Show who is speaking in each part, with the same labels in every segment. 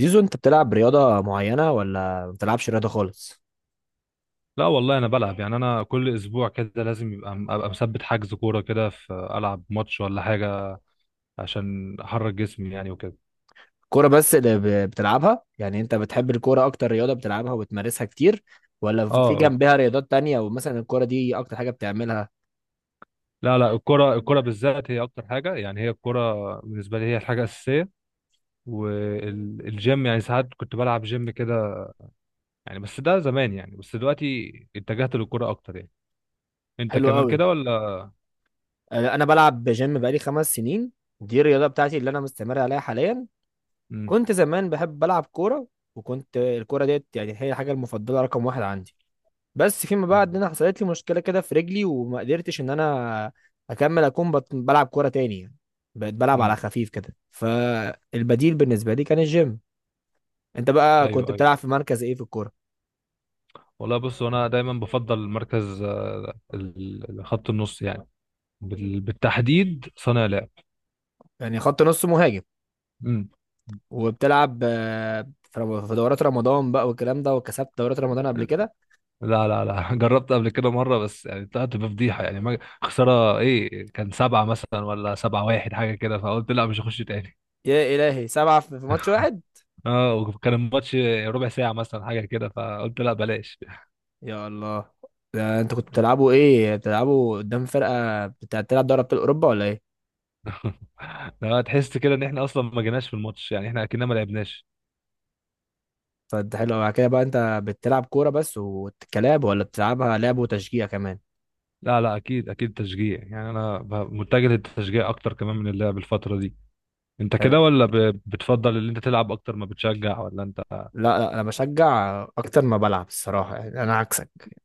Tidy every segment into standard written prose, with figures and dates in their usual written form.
Speaker 1: زيزو، انت بتلعب رياضة معينة ولا ما بتلعبش رياضة خالص؟
Speaker 2: لا، والله انا بلعب، يعني انا كل اسبوع كده لازم ابقى مثبت حجز كوره كده في العب ماتش ولا حاجه، عشان احرك جسمي يعني وكده.
Speaker 1: كورة بس اللي بتلعبها؟ يعني انت بتحب الكورة اكتر رياضة بتلعبها وبتمارسها كتير، ولا في
Speaker 2: اه،
Speaker 1: جنبها رياضات تانية ومثلا الكورة دي اكتر حاجة بتعملها؟
Speaker 2: لا لا، الكوره الكوره بالذات هي اكتر حاجه، يعني هي الكوره بالنسبه لي هي الحاجه الاساسيه. والجيم يعني ساعات كنت بلعب جيم كده يعني، بس ده زمان يعني، بس دلوقتي اتجهت للكوره اكتر يعني. انت
Speaker 1: حلو
Speaker 2: كمان
Speaker 1: قوي.
Speaker 2: كده ولا؟
Speaker 1: اه، انا بلعب جيم بقالي 5 سنين. دي الرياضة بتاعتي اللي انا مستمر عليها حاليا.
Speaker 2: امم.
Speaker 1: كنت زمان بحب بلعب كورة، وكنت الكورة ديت يعني هي الحاجة المفضلة رقم واحد عندي. بس فيما بعد انا حصلت لي مشكله كده في رجلي وما قدرتش ان انا اكمل اكون بلعب كوره تاني يعني. بقيت بلعب على
Speaker 2: امم.
Speaker 1: خفيف كده، فالبديل بالنسبه لي كان الجيم. انت بقى كنت
Speaker 2: ايوه ايوه.
Speaker 1: بتلعب في مركز ايه في الكوره؟
Speaker 2: والله بص، انا دايما بفضل مركز خط النص يعني، بالتحديد صانع لعب.
Speaker 1: يعني خط نص مهاجم؟
Speaker 2: امم.
Speaker 1: وبتلعب في دورات رمضان بقى والكلام ده، وكسبت دورات رمضان قبل كده؟
Speaker 2: لا لا لا، جربت قبل كده مرة، بس يعني طلعت بفضيحة، يعني ما خسارة ايه، كان سبعة مثلا ولا سبعة واحد حاجة كده، فقلت لا مش هخش تاني.
Speaker 1: يا الهي، سبعه في ماتش واحد؟
Speaker 2: اه، وكان الماتش ربع ساعة مثلا حاجة كده، فقلت لا بلاش.
Speaker 1: يا الله، ده انت كنت بتلعبوا ايه، بتلعبوا قدام فرقه بتلعب دوري ابطال اوروبا ولا ايه؟
Speaker 2: لا، تحس كده ان احنا اصلا ما جيناش في الماتش، يعني احنا اكننا ما لعبناش.
Speaker 1: فانت حلو أوي. على كده بقى انت بتلعب كوره بس وكلاب، ولا بتلعبها لعب وتشجيع كمان؟
Speaker 2: لا لا، اكيد اكيد تشجيع، يعني انا متجه للتشجيع اكتر كمان من اللعب الفترة دي. انت
Speaker 1: حلو.
Speaker 2: كده ولا بتفضل ان انت تلعب اكتر ما بتشجع ولا انت؟
Speaker 1: لا لا، انا بشجع اكتر ما بلعب الصراحه، يعني انا عكسك.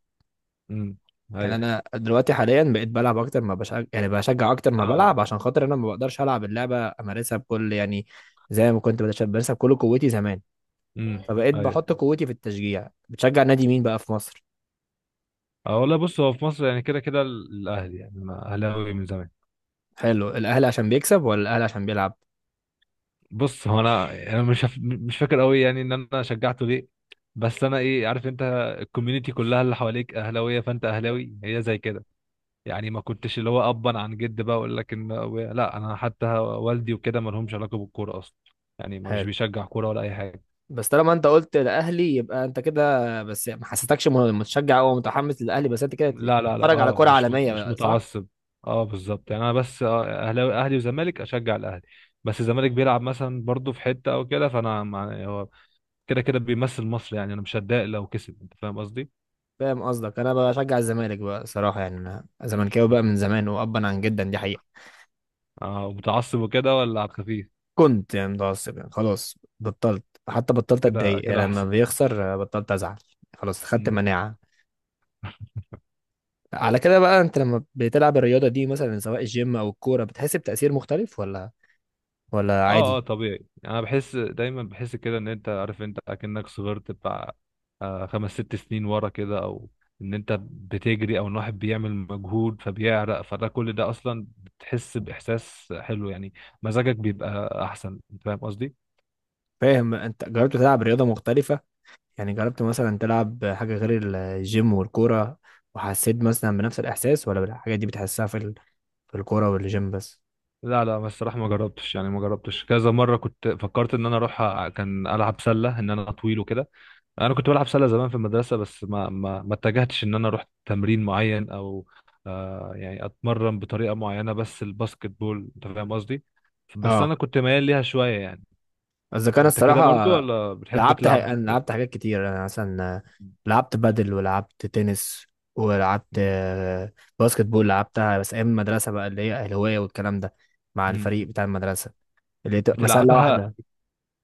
Speaker 2: امم.
Speaker 1: يعني
Speaker 2: ايوه.
Speaker 1: انا دلوقتي حاليا بقيت بلعب اكتر ما بشجع، يعني بشجع اكتر
Speaker 2: اه.
Speaker 1: ما بلعب
Speaker 2: آه.
Speaker 1: عشان خاطر انا ما بقدرش العب اللعبه امارسها بكل يعني زي ما كنت بمارسها بكل قوتي زمان.
Speaker 2: امم.
Speaker 1: فبقيت
Speaker 2: ايوه.
Speaker 1: بحط قوتي في التشجيع. بتشجع نادي مين بقى في مصر؟
Speaker 2: اه، والله بص، هو في مصر يعني كده كده الاهلي، يعني انا اهلاوي من زمان.
Speaker 1: حلو. الاهلي عشان بيكسب ولا الاهلي عشان بيلعب؟
Speaker 2: بص هو انا مش فاكر قوي يعني ان انا شجعته ليه، بس انا ايه عارف، انت الكوميونتي كلها اللي حواليك اهلاويه فانت اهلاوي، هي زي كده يعني، ما كنتش اللي هو ابا عن جد بقى اقول لك ان. لا، انا حتى والدي وكده ما لهمش علاقه بالكوره اصلا، يعني ما مش
Speaker 1: حلو.
Speaker 2: بيشجع كوره ولا اي حاجه.
Speaker 1: بس طالما انت قلت الاهلي، يبقى انت كده بس، ما حسيتكش متشجع او متحمس للاهلي، بس انت كده
Speaker 2: لا لا لا،
Speaker 1: بتتفرج على
Speaker 2: اه
Speaker 1: كرة عالمية
Speaker 2: مش
Speaker 1: بقى، صح؟
Speaker 2: متعصب. اه بالظبط، يعني انا بس اهلاوي، اهلي وزمالك اشجع الاهلي، بس الزمالك بيلعب مثلا برضه في حته او كده، فانا هو كده كده بيمثل مصر، يعني انا مش هتضايق لو كسب. انت فاهم قصدي؟
Speaker 1: فاهم قصدك. انا بشجع الزمالك بقى صراحة، يعني انا زملكاوي بقى من زمان وابا عن جدا، دي حقيقة.
Speaker 2: اه، متعصب وكده ولا على الخفيف؟
Speaker 1: كنت يعني متعصب، يعني خلاص بطلت، حتى بطلت
Speaker 2: كده
Speaker 1: اتضايق يعني
Speaker 2: كده
Speaker 1: لما
Speaker 2: احسن.
Speaker 1: بيخسر، بطلت ازعل. خلاص، خدت مناعة. على كده بقى انت لما بتلعب الرياضة دي مثلا سواء الجيم او الكورة، بتحس بتأثير مختلف ولا
Speaker 2: اه اه،
Speaker 1: عادي؟
Speaker 2: طبيعي، انا بحس دايما، بحس كده ان انت عارف، انت اكنك صغرت بتاع 5 6 سنين ورا كده، او ان انت بتجري، او ان واحد بيعمل مجهود فبيعرق، فده كل ده اصلا بتحس باحساس حلو يعني، مزاجك بيبقى احسن. انت فاهم قصدي؟
Speaker 1: فاهم. انت جربت تلعب رياضة مختلفة؟ يعني جربت مثلا تلعب حاجة غير الجيم والكورة، وحسيت مثلا بنفس الإحساس، ولا الحاجات دي بتحسها في في الكورة والجيم بس؟
Speaker 2: لا لا، بس الصراحه ما جربتش، يعني ما جربتش كذا مره، كنت فكرت ان انا اروح، كان العب سله، ان انا طويل وكده. انا كنت بلعب سله زمان في المدرسه، بس ما اتجهتش ان انا اروح تمرين معين او يعني اتمرن بطريقه معينه بس الباسكت بول. انت فاهم قصدي؟ بس
Speaker 1: اه،
Speaker 2: انا كنت ميال ليها شويه يعني.
Speaker 1: قصدي كان
Speaker 2: انت كده
Speaker 1: الصراحة.
Speaker 2: برضو ولا بتحب تلعب؟
Speaker 1: أنا لعبت حاجات كتير. أنا مثلا لعبت بادل، ولعبت تنس، ولعبت
Speaker 2: مم.
Speaker 1: باسكت بول، لعبتها بس أيام المدرسة بقى، اللي هي الهواية والكلام ده مع
Speaker 2: مم.
Speaker 1: الفريق بتاع المدرسة اللي بتبقى سلة
Speaker 2: بتلعبها
Speaker 1: واحدة.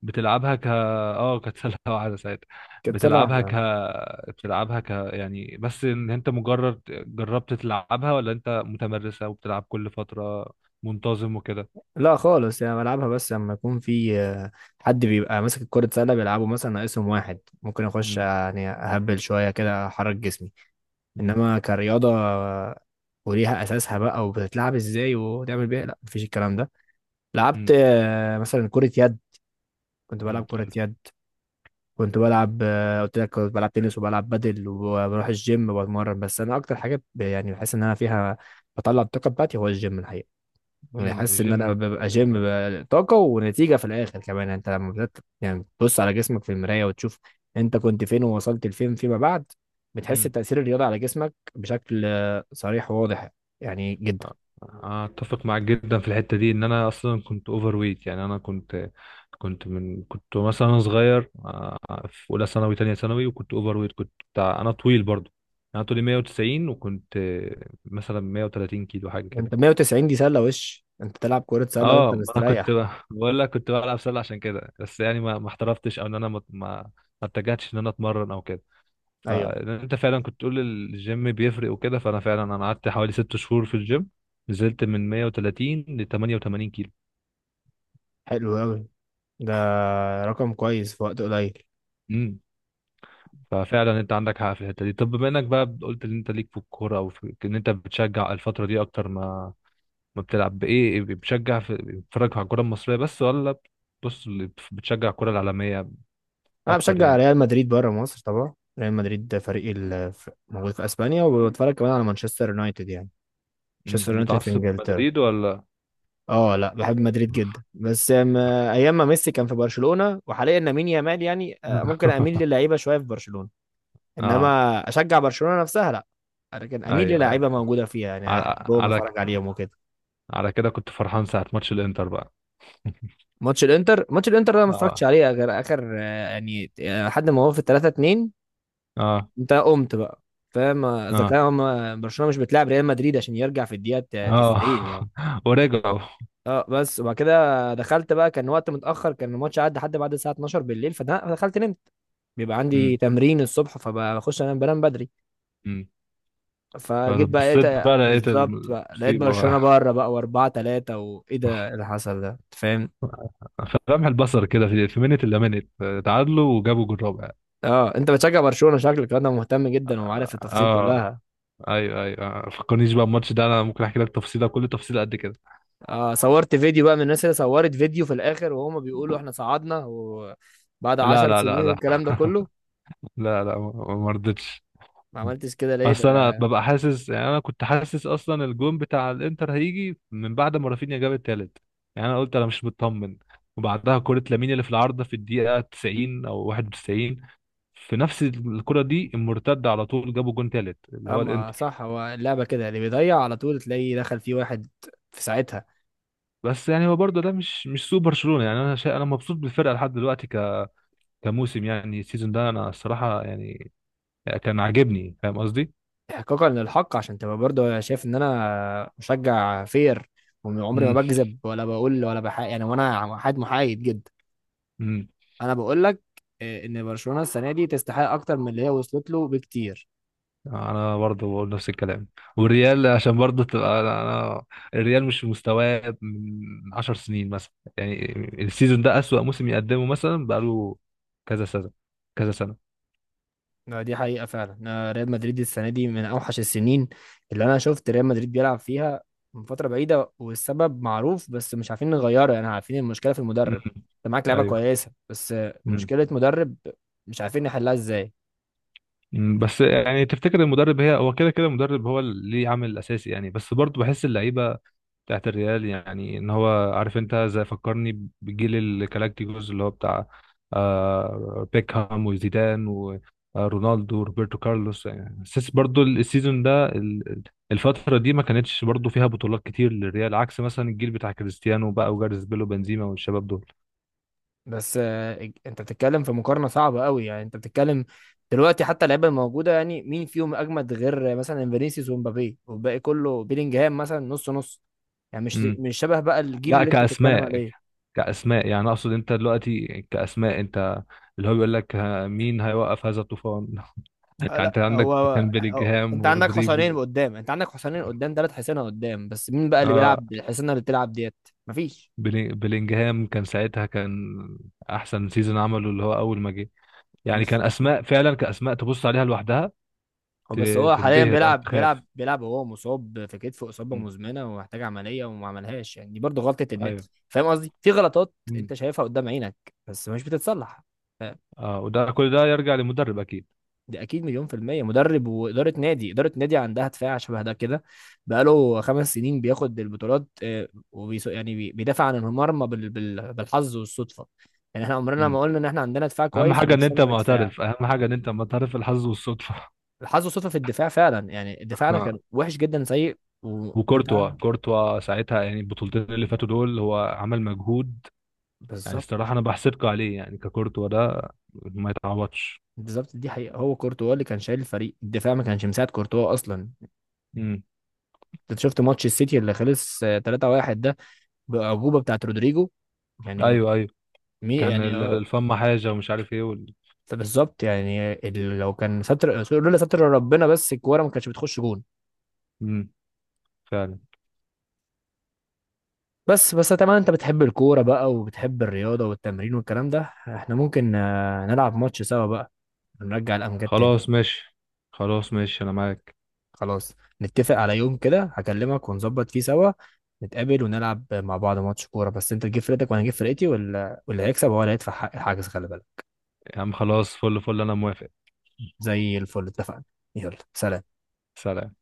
Speaker 2: بتلعبها كانت سله واحده ساعتها.
Speaker 1: كانت سلة
Speaker 2: بتلعبها ك
Speaker 1: واحدة.
Speaker 2: بتلعبها ك يعني، بس ان انت مجرد جربت تلعبها ولا انت متمرسه وبتلعب كل فتره منتظم وكده؟
Speaker 1: لا خالص، يعني بلعبها بس لما يكون في حد بيبقى ماسك الكرة سلة بيلعبه مثلا ناقصهم واحد، ممكن اخش
Speaker 2: امم.
Speaker 1: يعني اهبل شوية كده، احرك جسمي.
Speaker 2: امم.
Speaker 1: انما كرياضة وليها اساسها بقى وبتتلعب ازاي وتعمل بيها، لا، مفيش الكلام ده. لعبت مثلا كرة يد، كنت بلعب
Speaker 2: امم.
Speaker 1: كرة يد. كنت بلعب قلت لك كنت بلعب تنس وبلعب بدل وبروح الجيم وبتمرن، بس انا اكتر حاجة يعني بحس ان انا فيها بطلع الطاقة بتاعتي هو الجيم الحقيقة. يعني
Speaker 2: امم.
Speaker 1: حاسس ان انا
Speaker 2: الجيم كده
Speaker 1: ببقى
Speaker 2: كده
Speaker 1: جيم،
Speaker 2: جامد.
Speaker 1: ببقى طاقه ونتيجه في الاخر كمان، يعني انت لما بدات يعني تبص على جسمك في المرايه وتشوف انت كنت فين ووصلت لفين فيما بعد، بتحس
Speaker 2: امم.
Speaker 1: بتاثير الرياضه على جسمك بشكل صريح وواضح، يعني جدا.
Speaker 2: آه، اتفق معاك جدا في الحته دي، ان انا اصلا كنت اوفر ويت، يعني انا كنت، من كنت مثلا انا صغير في اولى ثانوي تانية ثانوي، وكنت اوفر ويت، كنت انا طويل برضو، انا طولي 190 وكنت مثلا 130 كيلو حاجه كده.
Speaker 1: انت 190 دي سله، وش انت تلعب كره سله وانت
Speaker 2: اه، ما انا كنت
Speaker 1: مستريح؟
Speaker 2: بقول لك كنت بلعب سله عشان كده، بس يعني ما احترفتش او ان انا ما اتجهتش ان انا اتمرن او كده.
Speaker 1: ايوه.
Speaker 2: فانت فعلا كنت تقول الجيم بيفرق وكده، فانا فعلا انا قعدت حوالي 6 شهور في الجيم، نزلت من 130 ل 88 كيلو.
Speaker 1: حلو قوي. ده رقم كويس في وقت قليل.
Speaker 2: امم. ففعلا انت عندك حق في الحته دي. طب بما انك بقى قلت ان انت ليك في الكوره او في ان انت بتشجع الفتره دي اكتر ما ما بتلعب، بايه إيه بتشجع، في بتتفرج على الكوره المصريه بس ولا، بص، بتشجع الكوره العالميه
Speaker 1: انا
Speaker 2: اكتر
Speaker 1: بشجع
Speaker 2: يعني؟
Speaker 1: ريال مدريد بره مصر، طبعا ريال مدريد ده فريقي، موجود في اسبانيا، وبتفرج كمان على مانشستر يونايتد يعني.
Speaker 2: امم،
Speaker 1: مانشستر يونايتد في
Speaker 2: متعصب
Speaker 1: انجلترا.
Speaker 2: لمدريد ولا؟
Speaker 1: اه، لا، بحب مدريد جدا بس ايام ما ميسي كان في برشلونة وحاليا لامين يامال يعني، ممكن اميل للعيبة شوية في برشلونة،
Speaker 2: اه.
Speaker 1: انما اشجع برشلونة نفسها لا. لكن اميل
Speaker 2: ايوه
Speaker 1: للعيبة
Speaker 2: ايوه.
Speaker 1: موجودة فيها، يعني
Speaker 2: على
Speaker 1: احبهم
Speaker 2: على
Speaker 1: اتفرج عليهم وكده.
Speaker 2: على كده كنت فرحان ساعه ماتش الانتر بقى.
Speaker 1: ماتش الانتر ده أنا ما اتفرجتش
Speaker 2: اه.
Speaker 1: عليه غير اخر لحد ما هو في 3-2
Speaker 2: اه.
Speaker 1: انت قمت بقى، فاهم؟ اذا كان
Speaker 2: اه.
Speaker 1: برشلونة مش بتلعب ريال مدريد عشان يرجع في الدقيقة
Speaker 2: اه.
Speaker 1: 90 يعني.
Speaker 2: ورجعوا.
Speaker 1: اه بس، وبعد كده دخلت بقى، كان وقت متأخر، كان الماتش عدى لحد بعد الساعة 12 بالليل، فدخلت نمت. بيبقى عندي
Speaker 2: امم.
Speaker 1: تمرين الصبح فبخش انام، بنام بدري.
Speaker 2: امم.
Speaker 1: فجيت بقى
Speaker 2: فبصيت
Speaker 1: لقيت
Speaker 2: بقى لقيت
Speaker 1: بالظبط، بقى لقيت
Speaker 2: المصيبة
Speaker 1: برشلونة
Speaker 2: بقى،
Speaker 1: بره بقى و4-3، وايه ده، إيه اللي حصل ده، انت فاهم؟
Speaker 2: فلمح البصر كده، في منت الا منت، تعادلوا وجابوا جول رابع.
Speaker 1: اه انت بتشجع برشلونة شكلك، انا مهتم جدا
Speaker 2: اه.
Speaker 1: وعارف التفاصيل
Speaker 2: آه.
Speaker 1: كلها.
Speaker 2: ايوه ايوه. آه، فكرنيش بقى الماتش ده، انا ممكن احكي لك تفصيله كل تفصيله قد كده.
Speaker 1: اه صورت فيديو بقى من الناس اللي صورت فيديو في الاخر وهما بيقولوا احنا صعدنا وبعد
Speaker 2: لا
Speaker 1: عشر
Speaker 2: لا لا
Speaker 1: سنين
Speaker 2: لا،
Speaker 1: والكلام ده كله.
Speaker 2: لا لا، ما رضيتش.
Speaker 1: ما عملتش كده ليه
Speaker 2: اصل انا ببقى حاسس، يعني انا كنت حاسس اصلا الجون بتاع الانتر هيجي من بعد ما رافينيا جاب التالت، يعني انا قلت انا مش مطمن. وبعدها كرة لامين اللي في العارضة في الدقيقة 90 او 91، في نفس الكرة دي المرتدة على طول جابوا جون تالت اللي هو
Speaker 1: اما
Speaker 2: الانتر.
Speaker 1: صح، هو اللعبة كده اللي بيضيع على طول تلاقيه دخل فيه واحد في ساعتها.
Speaker 2: بس يعني هو برضه ده مش سوء برشلونة، يعني انا شا... انا مبسوط بالفرقة لحد دلوقتي، ك... كموسم، يعني السيزون ده انا الصراحة يعني كان عاجبني. فاهم قصدي؟
Speaker 1: احقاقا للحق، عشان تبقى برضه شايف ان انا مشجع فير، وعمري ما
Speaker 2: امم.
Speaker 1: بكذب ولا بقول ولا بحق يعني، وانا حد محايد جدا.
Speaker 2: امم.
Speaker 1: انا بقول لك ان برشلونه السنه دي تستحق اكتر من اللي هي وصلت له بكتير.
Speaker 2: انا برضه بقول نفس الكلام، والريال عشان برضه تبقى، الريال مش في مستواه من 10 سنين مثلا، يعني السيزون ده اسوأ موسم يقدمه مثلا بقاله كذا سنة، كذا سنة.
Speaker 1: دي حقيقه فعلا، ريال مدريد السنه دي من اوحش السنين اللي انا شفت ريال مدريد بيلعب فيها من فتره بعيده، والسبب معروف بس مش عارفين نغيره، يعني عارفين المشكله في المدرب.
Speaker 2: امم.
Speaker 1: انت معاك لعيبه كويسه، بس
Speaker 2: ايوه.
Speaker 1: مشكله مدرب مش عارفين نحلها ازاي.
Speaker 2: مم، بس يعني تفتكر المدرب، هو كده كده المدرب هو اللي ليه عامل اساسي يعني، بس برضه بحس اللعيبه بتاعت الريال، يعني ان هو عارف، انت زي فكرني بجيل الكلاكتيكوز اللي هو بتاع بيكهام وزيدان ورونالدو وروبرتو كارلوس، يعني حاسس برضه السيزون ده، الفتره دي ما كانتش برضه فيها بطولات كتير للريال، عكس مثلا الجيل بتاع كريستيانو بقى وجاريث بيل وبنزيما والشباب دول.
Speaker 1: بس انت بتتكلم في مقارنه صعبه قوي، يعني انت بتتكلم دلوقتي حتى اللعيبه الموجوده، يعني مين فيهم اجمد غير مثلا فينيسيوس ومبابي، والباقي كله بيلينجهام مثلا نص نص، يعني مش
Speaker 2: امم.
Speaker 1: مش شبه بقى الجيل
Speaker 2: لا،
Speaker 1: اللي انت بتتكلم
Speaker 2: كاسماء،
Speaker 1: عليه.
Speaker 2: كأسماء يعني أقصد، أنت دلوقتي كأسماء، أنت اللي هو بيقول لك، مين هيوقف هذا الطوفان؟ يعني
Speaker 1: آه، لا
Speaker 2: أنت
Speaker 1: هو
Speaker 2: عندك كان
Speaker 1: هو-
Speaker 2: بيلينجهام
Speaker 1: انت عندك حصانين
Speaker 2: ورودريجو.
Speaker 1: قدام، ثلاث حصانه قدام، بس مين بقى اللي
Speaker 2: آه
Speaker 1: بيلعب الحصانه اللي بتلعب ديت؟ مفيش.
Speaker 2: بيلينجهام كان ساعتها، كان أحسن سيزون عمله اللي هو أول ما جه، يعني
Speaker 1: مش
Speaker 2: كان أسماء فعلا، كأسماء تبص عليها لوحدها
Speaker 1: هو بس، هو حاليا
Speaker 2: تنبهر أو
Speaker 1: بيلعب
Speaker 2: تخاف.
Speaker 1: بيلعب بيلعب وهو مصاب في كتفه اصابه
Speaker 2: مم.
Speaker 1: مزمنه ومحتاج عمليه وما عملهاش، يعني دي برضه غلطه النت.
Speaker 2: أيوه.
Speaker 1: فاهم قصدي؟ في غلطات
Speaker 2: مم.
Speaker 1: انت شايفها قدام عينك، بس مش بتتصلح. ف-
Speaker 2: وده كل ده يرجع للمدرب أكيد.
Speaker 1: دي اكيد مليون في الميه مدرب، واداره نادي اداره نادي عندها دفاع شبه ده كده، بقاله 5 سنين بياخد البطولات، وبيس يعني بيدافع عن المرمى بالحظ والصدفه. يعني احنا عمرنا ما
Speaker 2: مم.
Speaker 1: قلنا ان احنا عندنا دفاع
Speaker 2: أهم
Speaker 1: كويس
Speaker 2: حاجة إن أنت
Speaker 1: ونفسنا في الدفاع.
Speaker 2: معترف، أهم حاجة إن أنت معترف، الحظ والصدفة.
Speaker 1: الحظ والصدفه في الدفاع فعلا، يعني دفاعنا كان وحش جدا، سيء وانت.
Speaker 2: وكورتوا كورتوا ساعتها، يعني البطولتين اللي فاتوا دول هو عمل مجهود، يعني
Speaker 1: بالظبط.
Speaker 2: الصراحه انا بحسدكوا عليه، يعني ككورتوا ده ما يتعوضش.
Speaker 1: بالظبط دي حقيقة، هو كورتوا اللي كان شايل الفريق، الدفاع ما كانش مساعد كورتوا أصلا.
Speaker 2: امم.
Speaker 1: أنت شفت ماتش السيتي اللي خلص 3-1 ده بأعجوبة بتاعت رودريجو، يعني
Speaker 2: ايوه ايوه. كان
Speaker 1: يعني اه
Speaker 2: الفم حاجه ومش عارف ايه، وال...
Speaker 1: بالظبط. يعني لو كان ستر، لولا ستر ربنا، بس الكورة ما كانتش بتخش جون.
Speaker 2: امم. فعلا.
Speaker 1: بس طبعا انت بتحب الكورة بقى وبتحب الرياضة والتمرين والكلام ده، احنا ممكن نلعب ماتش سوا بقى، نرجع الأمجاد تاني.
Speaker 2: خلاص ماشي، خلاص ماشي انا معاك.
Speaker 1: خلاص، نتفق على يوم كده هكلمك ونظبط فيه سوا، نتقابل ونلعب مع بعض ماتش كورة، بس انت تجيب فرقتك وانا اجيب فرقتي، واللي هيكسب هو اللي هيدفع حق الحجز، خلي بالك.
Speaker 2: يا عم خلاص، فل فل، انا موافق.
Speaker 1: زي الفل، اتفقنا. يلا سلام.
Speaker 2: سلام.